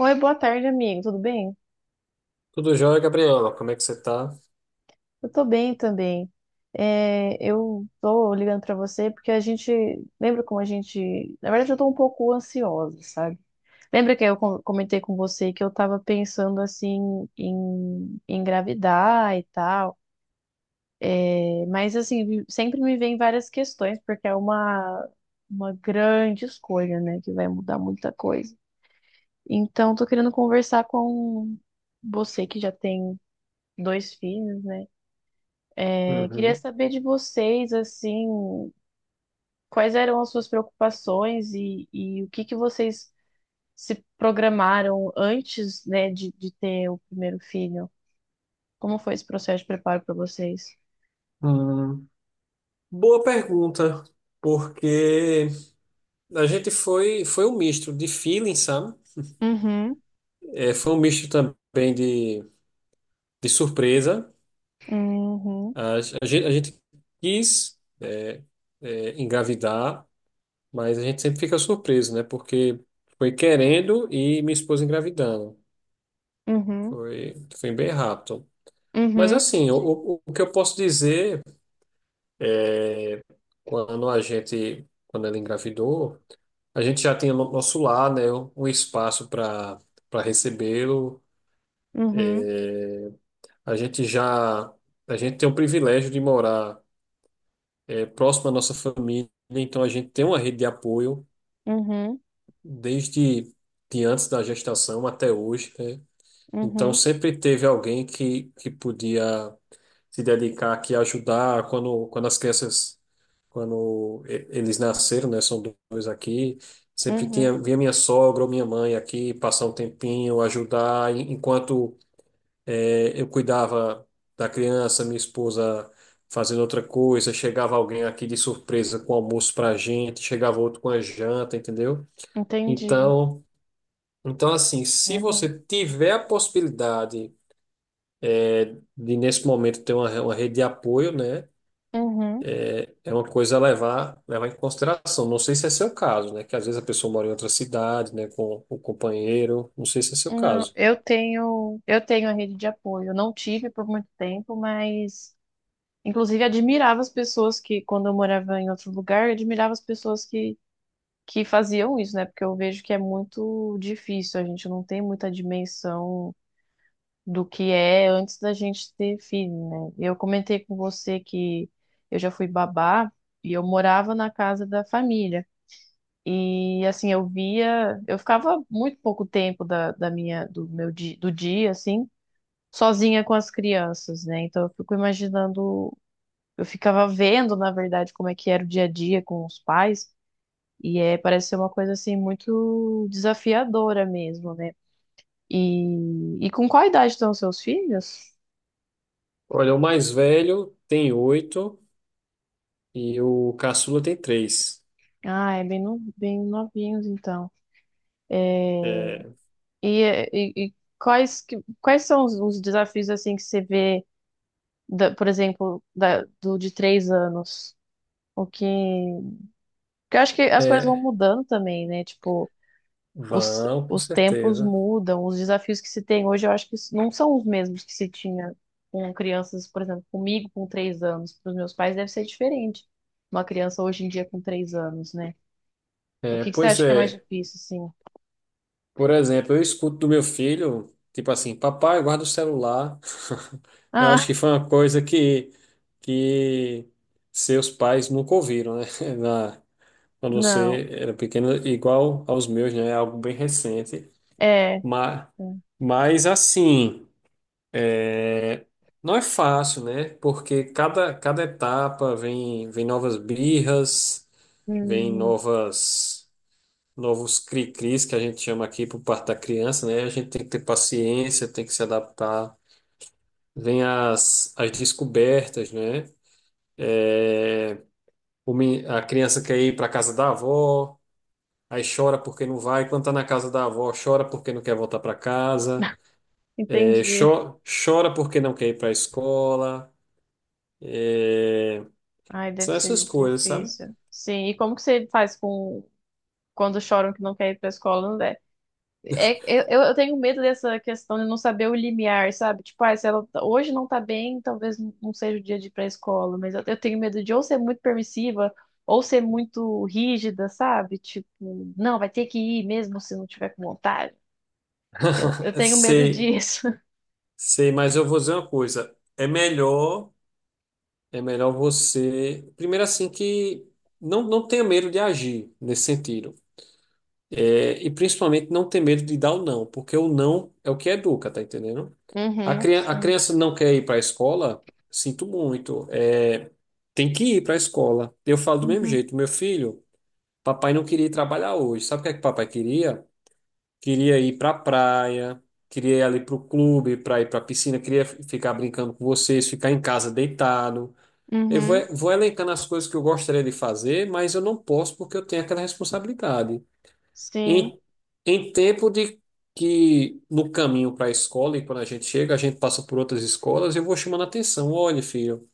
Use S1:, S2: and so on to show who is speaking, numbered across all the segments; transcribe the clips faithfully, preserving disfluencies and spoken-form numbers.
S1: Oi, boa tarde, amigo. Tudo bem?
S2: Tudo jóia, Gabriela? Como é que você tá?
S1: Eu tô bem também. É, eu tô ligando pra você porque a gente lembra como a gente, na verdade, eu tô um pouco ansiosa, sabe? Lembra que eu com- comentei com você que eu tava pensando assim em em engravidar e tal. É, mas assim, vi- sempre me vem várias questões porque é uma uma grande escolha, né, que vai mudar muita coisa. Então, tô querendo conversar com você que já tem dois filhos, né? Eu queria
S2: Uhum.
S1: saber de vocês, assim, quais eram as suas preocupações e, e o que que vocês se programaram antes, né, de, de ter o primeiro filho? Como foi esse processo de preparo para vocês?
S2: Hum, boa pergunta, porque a gente foi foi um misto de feeling, sabe?
S1: Uhum,
S2: É, foi um misto também de, de surpresa.
S1: uhum,
S2: A, a gente, a gente quis é, é, engravidar, mas a gente sempre fica surpreso, né? Porque foi querendo e minha esposa engravidando.
S1: uhum,
S2: Foi, foi bem rápido. Mas
S1: uhum.
S2: assim, o,
S1: Entendi.
S2: o o que eu posso dizer. É, quando a gente, quando ela engravidou, a gente já tinha no nosso lar, né, um um espaço para para recebê-lo.
S1: Uhum,
S2: É, a gente já, a gente tem o privilégio de morar é, próximo à nossa família, então a gente tem uma rede de apoio
S1: uhum,
S2: desde de antes da gestação até hoje, né? Então
S1: uhum,
S2: sempre teve alguém que, que podia se dedicar aqui a ajudar quando, quando as crianças, quando e- eles nasceram, né? São dois aqui. Sempre tinha,
S1: uhum.
S2: vinha minha sogra ou minha mãe aqui passar um tempinho, ajudar, en- enquanto eh, eu cuidava da criança, minha esposa fazendo outra coisa, chegava alguém aqui de surpresa com almoço pra gente, chegava outro com a janta, entendeu?
S1: Entendi.
S2: Então, então assim, se
S1: É bom.
S2: você tiver a possibilidade é de nesse momento ter uma, uma rede de apoio, né?
S1: Uhum.
S2: É uma coisa a levar, levar em consideração. Não sei se é seu caso, né? Que às vezes a pessoa mora em outra cidade, né? Com o companheiro. Não sei se é seu
S1: Não,
S2: caso.
S1: eu tenho, eu tenho a rede de apoio. Eu não tive por muito tempo, mas inclusive, admirava as pessoas que, quando eu morava em outro lugar, eu admirava as pessoas que, que faziam isso, né? Porque eu vejo que é muito difícil, a gente não tem muita dimensão do que é antes da gente ter filho, né? Eu comentei com você que eu já fui babá e eu morava na casa da família. E assim, eu via, eu ficava muito pouco tempo da, da minha, do meu di, do dia, assim, sozinha com as crianças, né? Então eu fico imaginando eu ficava vendo, na verdade, como é que era o dia a dia com os pais, e é, parece ser uma coisa assim muito desafiadora mesmo, né? E, e com qual idade estão os seus filhos?
S2: Olha, o mais velho tem oito e o caçula tem três.
S1: Ah, é bem, no, bem novinhos, então. É.
S2: É,
S1: E, e, e quais, que- quais são os, os desafios assim que você vê, da- por exemplo, da- do de três anos? O que. Porque eu acho que as coisas vão
S2: é,
S1: mudando também, né? Tipo, os,
S2: vão, com
S1: os tempos
S2: certeza.
S1: mudam, os desafios que se tem hoje, eu acho que não são os mesmos que se tinha com crianças, por exemplo, comigo com três anos, para os meus pais deve ser diferente. Uma criança hoje em dia com três anos, né? O
S2: É,
S1: que que você
S2: pois
S1: acha que é mais
S2: é.
S1: difícil, assim?
S2: Por exemplo, eu escuto do meu filho, tipo assim, papai, guarda o celular. Eu
S1: Ah,
S2: acho que foi uma coisa que, que seus pais nunca ouviram, né? Na, quando
S1: não,
S2: você era pequeno, igual aos meus, né? É algo bem recente.
S1: é. É.
S2: Mas, mas assim, é, não é fácil, né? Porque cada, cada etapa vem, vem novas birras, vem
S1: Hum,
S2: novas, novos cri-cris que a gente chama aqui por parte da criança, né? A gente tem que ter paciência, tem que se adaptar. Vem as, as descobertas, né? É, o men- a criança quer ir para a casa da avó, aí chora porque não vai. Quando está na casa da avó, chora porque não quer voltar para casa, é,
S1: Entendi.
S2: cho- chora porque não quer ir para a escola. É,
S1: Ai, deve
S2: são essas
S1: ser
S2: coisas, sabe?
S1: difícil. Sim, e como que você faz com quando choram que não quer ir para a escola? É, eu, eu eu tenho medo dessa questão de não saber o limiar, sabe? Tipo, ah, se ela tá- hoje não tá bem, talvez não não seja o dia de ir pra escola, mas eu, eu tenho medo de ou ser muito permissiva ou ser muito rígida, sabe? Tipo, não, vai ter que ir mesmo se não tiver com vontade. Eu, eu tenho medo
S2: Sei,
S1: disso.
S2: sei, mas eu vou dizer uma coisa. É melhor, é melhor você, primeiro assim que não, não tenha medo de agir nesse sentido. É, e principalmente não ter medo de dar o não, porque o não é o que educa, tá entendendo? A
S1: Uhum.
S2: crian- a
S1: Sim,
S2: criança não quer ir para a escola? Sinto muito. É, tem que ir para a escola. Eu falo do mesmo
S1: uhum,
S2: jeito. Meu filho, papai não queria ir trabalhar hoje. Sabe o que é que papai queria? Queria ir para a praia, queria ir ali para o clube, para ir para a piscina, queria f- ficar brincando com vocês, ficar em casa deitado. Eu vou,
S1: uhum,
S2: vou elencando as coisas que eu gostaria de fazer, mas eu não posso porque eu tenho aquela responsabilidade.
S1: sim.
S2: Em, em tempo de que no caminho para a escola e quando a gente chega, a gente passa por outras escolas, eu vou chamando a atenção. Olha, filho.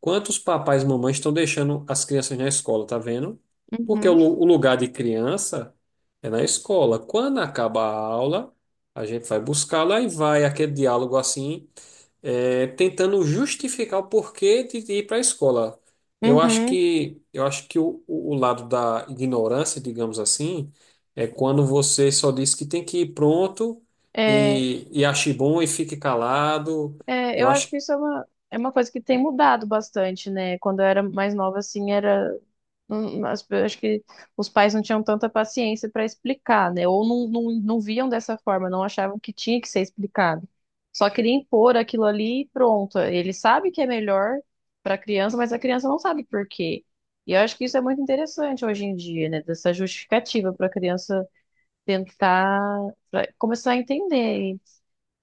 S2: Quantos papais e mamães estão deixando as crianças na escola, tá vendo? Porque o,
S1: Uhum,
S2: lu- o lugar de criança é na escola. Quando acaba a aula, a gente vai buscá-la e vai aquele diálogo assim, é, tentando justificar o porquê de, de ir para a escola. Eu acho
S1: uhum.
S2: que, eu acho que o, o o lado da ignorância, digamos assim, é quando você só diz que tem que ir pronto
S1: É,
S2: e, e ache bom e fique calado.
S1: é, eu
S2: Eu
S1: acho
S2: acho.
S1: que isso é uma, é uma coisa que tem mudado bastante, né? Quando eu era mais nova, assim, era. Hum, as pe- acho que os pais não tinham tanta paciência para explicar, né? Ou não, não, não viam dessa forma, não achavam que tinha que ser explicado. Só queria impor aquilo ali e pronto. Ele sabe que é melhor para a criança, mas a criança não sabe por quê. E eu acho que isso é muito interessante hoje em dia, né? Dessa justificativa para a criança tentar pra começar a entender. E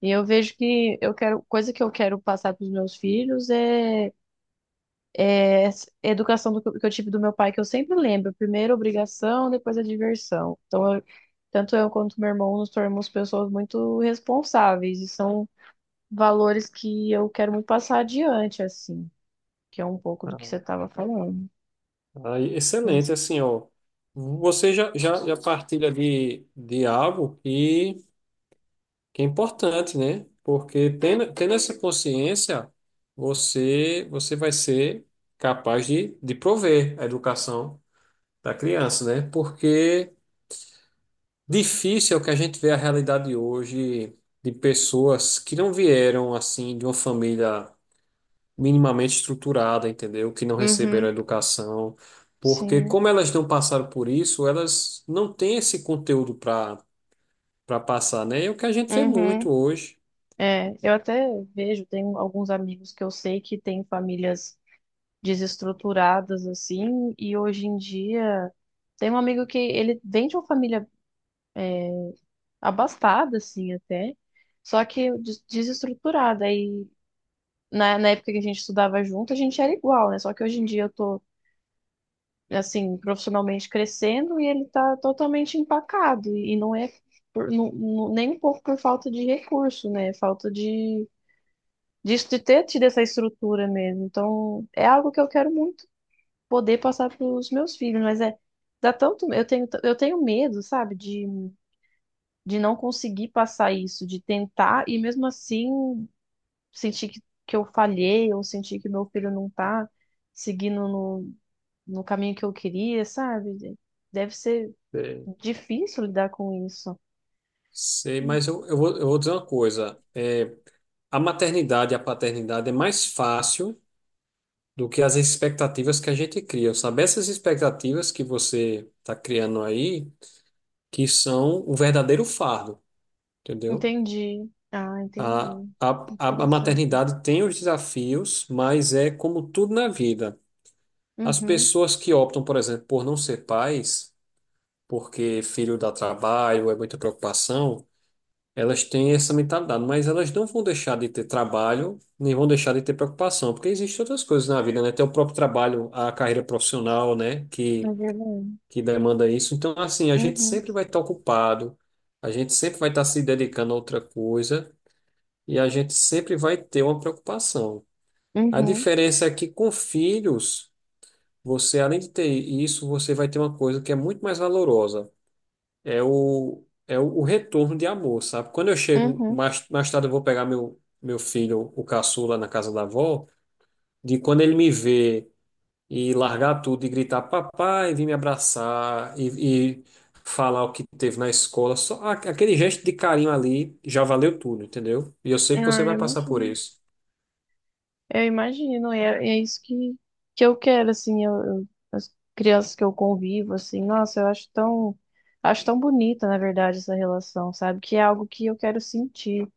S1: e eu vejo que eu quero, coisa que eu quero passar para os meus filhos é é, a educação do, que eu tive do meu pai, que eu sempre lembro. Primeiro a obrigação, depois a diversão. Então, eu- tanto eu quanto meu irmão nos tornamos pessoas muito responsáveis. E são valores que eu quero muito passar adiante, assim. Que é um pouco do que você estava falando.
S2: Ah,
S1: Mas,
S2: excelente, assim, ó. Você já, já, já partilha de, de algo que, que é importante, né? Porque tendo, tendo essa consciência, você, você vai ser capaz de, de prover a educação da criança, né? Porque difícil é o que a gente vê a realidade hoje de pessoas que não vieram, assim, de uma família, minimamente estruturada, entendeu? Que não receberam
S1: uhum,
S2: educação, porque
S1: sim,
S2: como elas não passaram por isso, elas não têm esse conteúdo para para passar, né? É o que a gente vê
S1: uhum.
S2: muito hoje.
S1: É, eu até vejo, tenho alguns amigos que eu sei que têm famílias desestruturadas, assim. E hoje em dia... Tem um amigo que ele vem de uma família abastada, assim, até. Só que des- desestruturada. Aí, na, na época que a gente estudava junto, a gente era igual, né? Só que hoje em dia eu tô, assim, profissionalmente crescendo e ele tá totalmente empacado. E não é por- não- não- nem um pouco por falta de recurso, né? Falta de, disso, de ter tido essa estrutura mesmo. Então, é algo que eu quero muito poder passar pros meus filhos, mas é. Dá tanto, eu tenho, eu tenho medo, sabe, de, de não conseguir passar isso, de tentar e mesmo assim sentir que, que eu falhei, ou sentir que meu filho não tá seguindo no, no caminho que eu queria, sabe? Deve ser
S2: É,
S1: difícil lidar com isso.
S2: sei, mas eu, eu vou, eu vou dizer uma coisa. É, a maternidade e a paternidade é mais fácil do que as expectativas que a gente cria, sabe? Essas expectativas que você está criando aí, que são o verdadeiro fardo, entendeu?
S1: Entendi. Ah,
S2: A,
S1: entendi.
S2: a, a a
S1: Interessante.
S2: maternidade tem os desafios, mas é como tudo na vida. As
S1: Uhum.
S2: pessoas que optam, por exemplo, por não ser pais, porque filho dá trabalho, é muita preocupação, elas têm essa mentalidade, mas elas não vão deixar de ter trabalho, nem vão deixar de ter preocupação, porque existem outras coisas na vida, né? Tem o próprio trabalho, a carreira profissional, né? Que,
S1: É verdade.
S2: que demanda isso. Então, assim, a gente
S1: Uhum.
S2: sempre vai estar ocupado, a gente sempre vai estar se dedicando a outra coisa e a gente sempre vai ter uma preocupação. A
S1: Uhum.
S2: diferença é que com filhos, você, além de ter isso, você vai ter uma coisa que é muito mais valorosa. É o, é o, o retorno de amor, sabe? Quando eu chego,
S1: Uhum.
S2: mais, mais tarde eu vou pegar meu, meu filho, o caçula, na casa da avó, de quando ele me vê e largar tudo e gritar papai, vir me abraçar e, e falar o que teve na escola, só a- aquele gesto de carinho ali já valeu tudo, entendeu? E eu sei que
S1: Ah,
S2: você
S1: eu
S2: vai passar por
S1: imagino.
S2: isso.
S1: Eu imagino. E é, é isso que, que eu quero, assim, eu, eu- as crianças que eu convivo, assim, nossa, eu acho tão, acho tão bonita, na verdade, essa relação, sabe? Que é algo que eu quero sentir.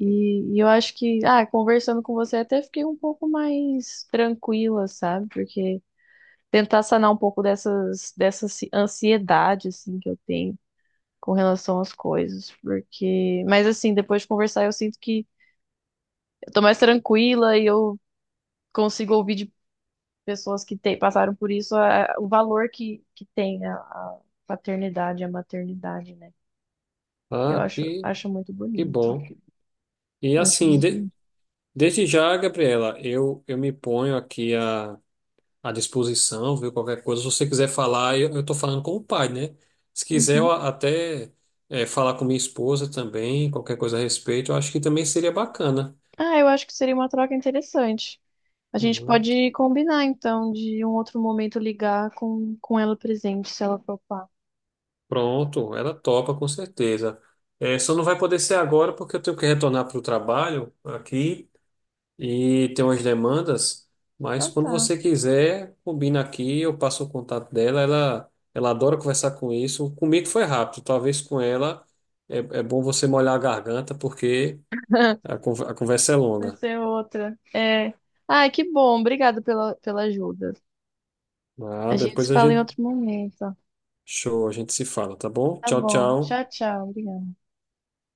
S1: E, e eu acho que, ah, conversando com você até fiquei um pouco mais tranquila, sabe? Porque tentar sanar um pouco dessas, dessa ansi- ansiedade, assim, que eu tenho com relação às coisas. Porque, mas assim, depois de conversar, eu sinto que eu tô mais tranquila e eu consigo ouvir de pessoas que te- passaram por isso a- o valor que, que tem a, a paternidade e a maternidade, né? Eu
S2: Ah,
S1: acho,
S2: que,
S1: acho muito
S2: que
S1: bonito.
S2: bom. E
S1: Acho
S2: assim,
S1: muito
S2: de-
S1: bonito.
S2: desde já, Gabriela, eu, eu me ponho aqui à, à disposição, viu? Qualquer coisa, se você quiser falar, eu, eu tô falando com o pai, né? Se quiser eu
S1: Uhum.
S2: a- até eh, falar com minha esposa também, qualquer coisa a respeito, eu acho que também seria bacana.
S1: Ah, eu acho que seria uma troca interessante. A gente
S2: Uhum.
S1: pode combinar, então, de um outro momento ligar com, com ela presente, se ela topar.
S2: Pronto, ela topa com certeza. Eh, só não vai poder ser agora porque eu tenho que retornar para o trabalho aqui. E tem umas demandas, mas
S1: Então
S2: quando
S1: tá.
S2: você quiser, combina aqui, eu passo o contato dela, ela, ela adora conversar com isso. Comigo foi rápido, talvez com ela é, é bom você molhar a garganta, porque a, con- a conversa é
S1: Vai
S2: longa.
S1: ser outra. É. Ai, que bom. Obrigada pela, pela ajuda.
S2: Ah,
S1: A gente
S2: depois
S1: se
S2: a
S1: fala em
S2: gente,
S1: outro momento.
S2: show, a gente se fala, tá bom?
S1: Tá
S2: Tchau,
S1: bom.
S2: tchau.
S1: Tchau, tchau. Obrigada.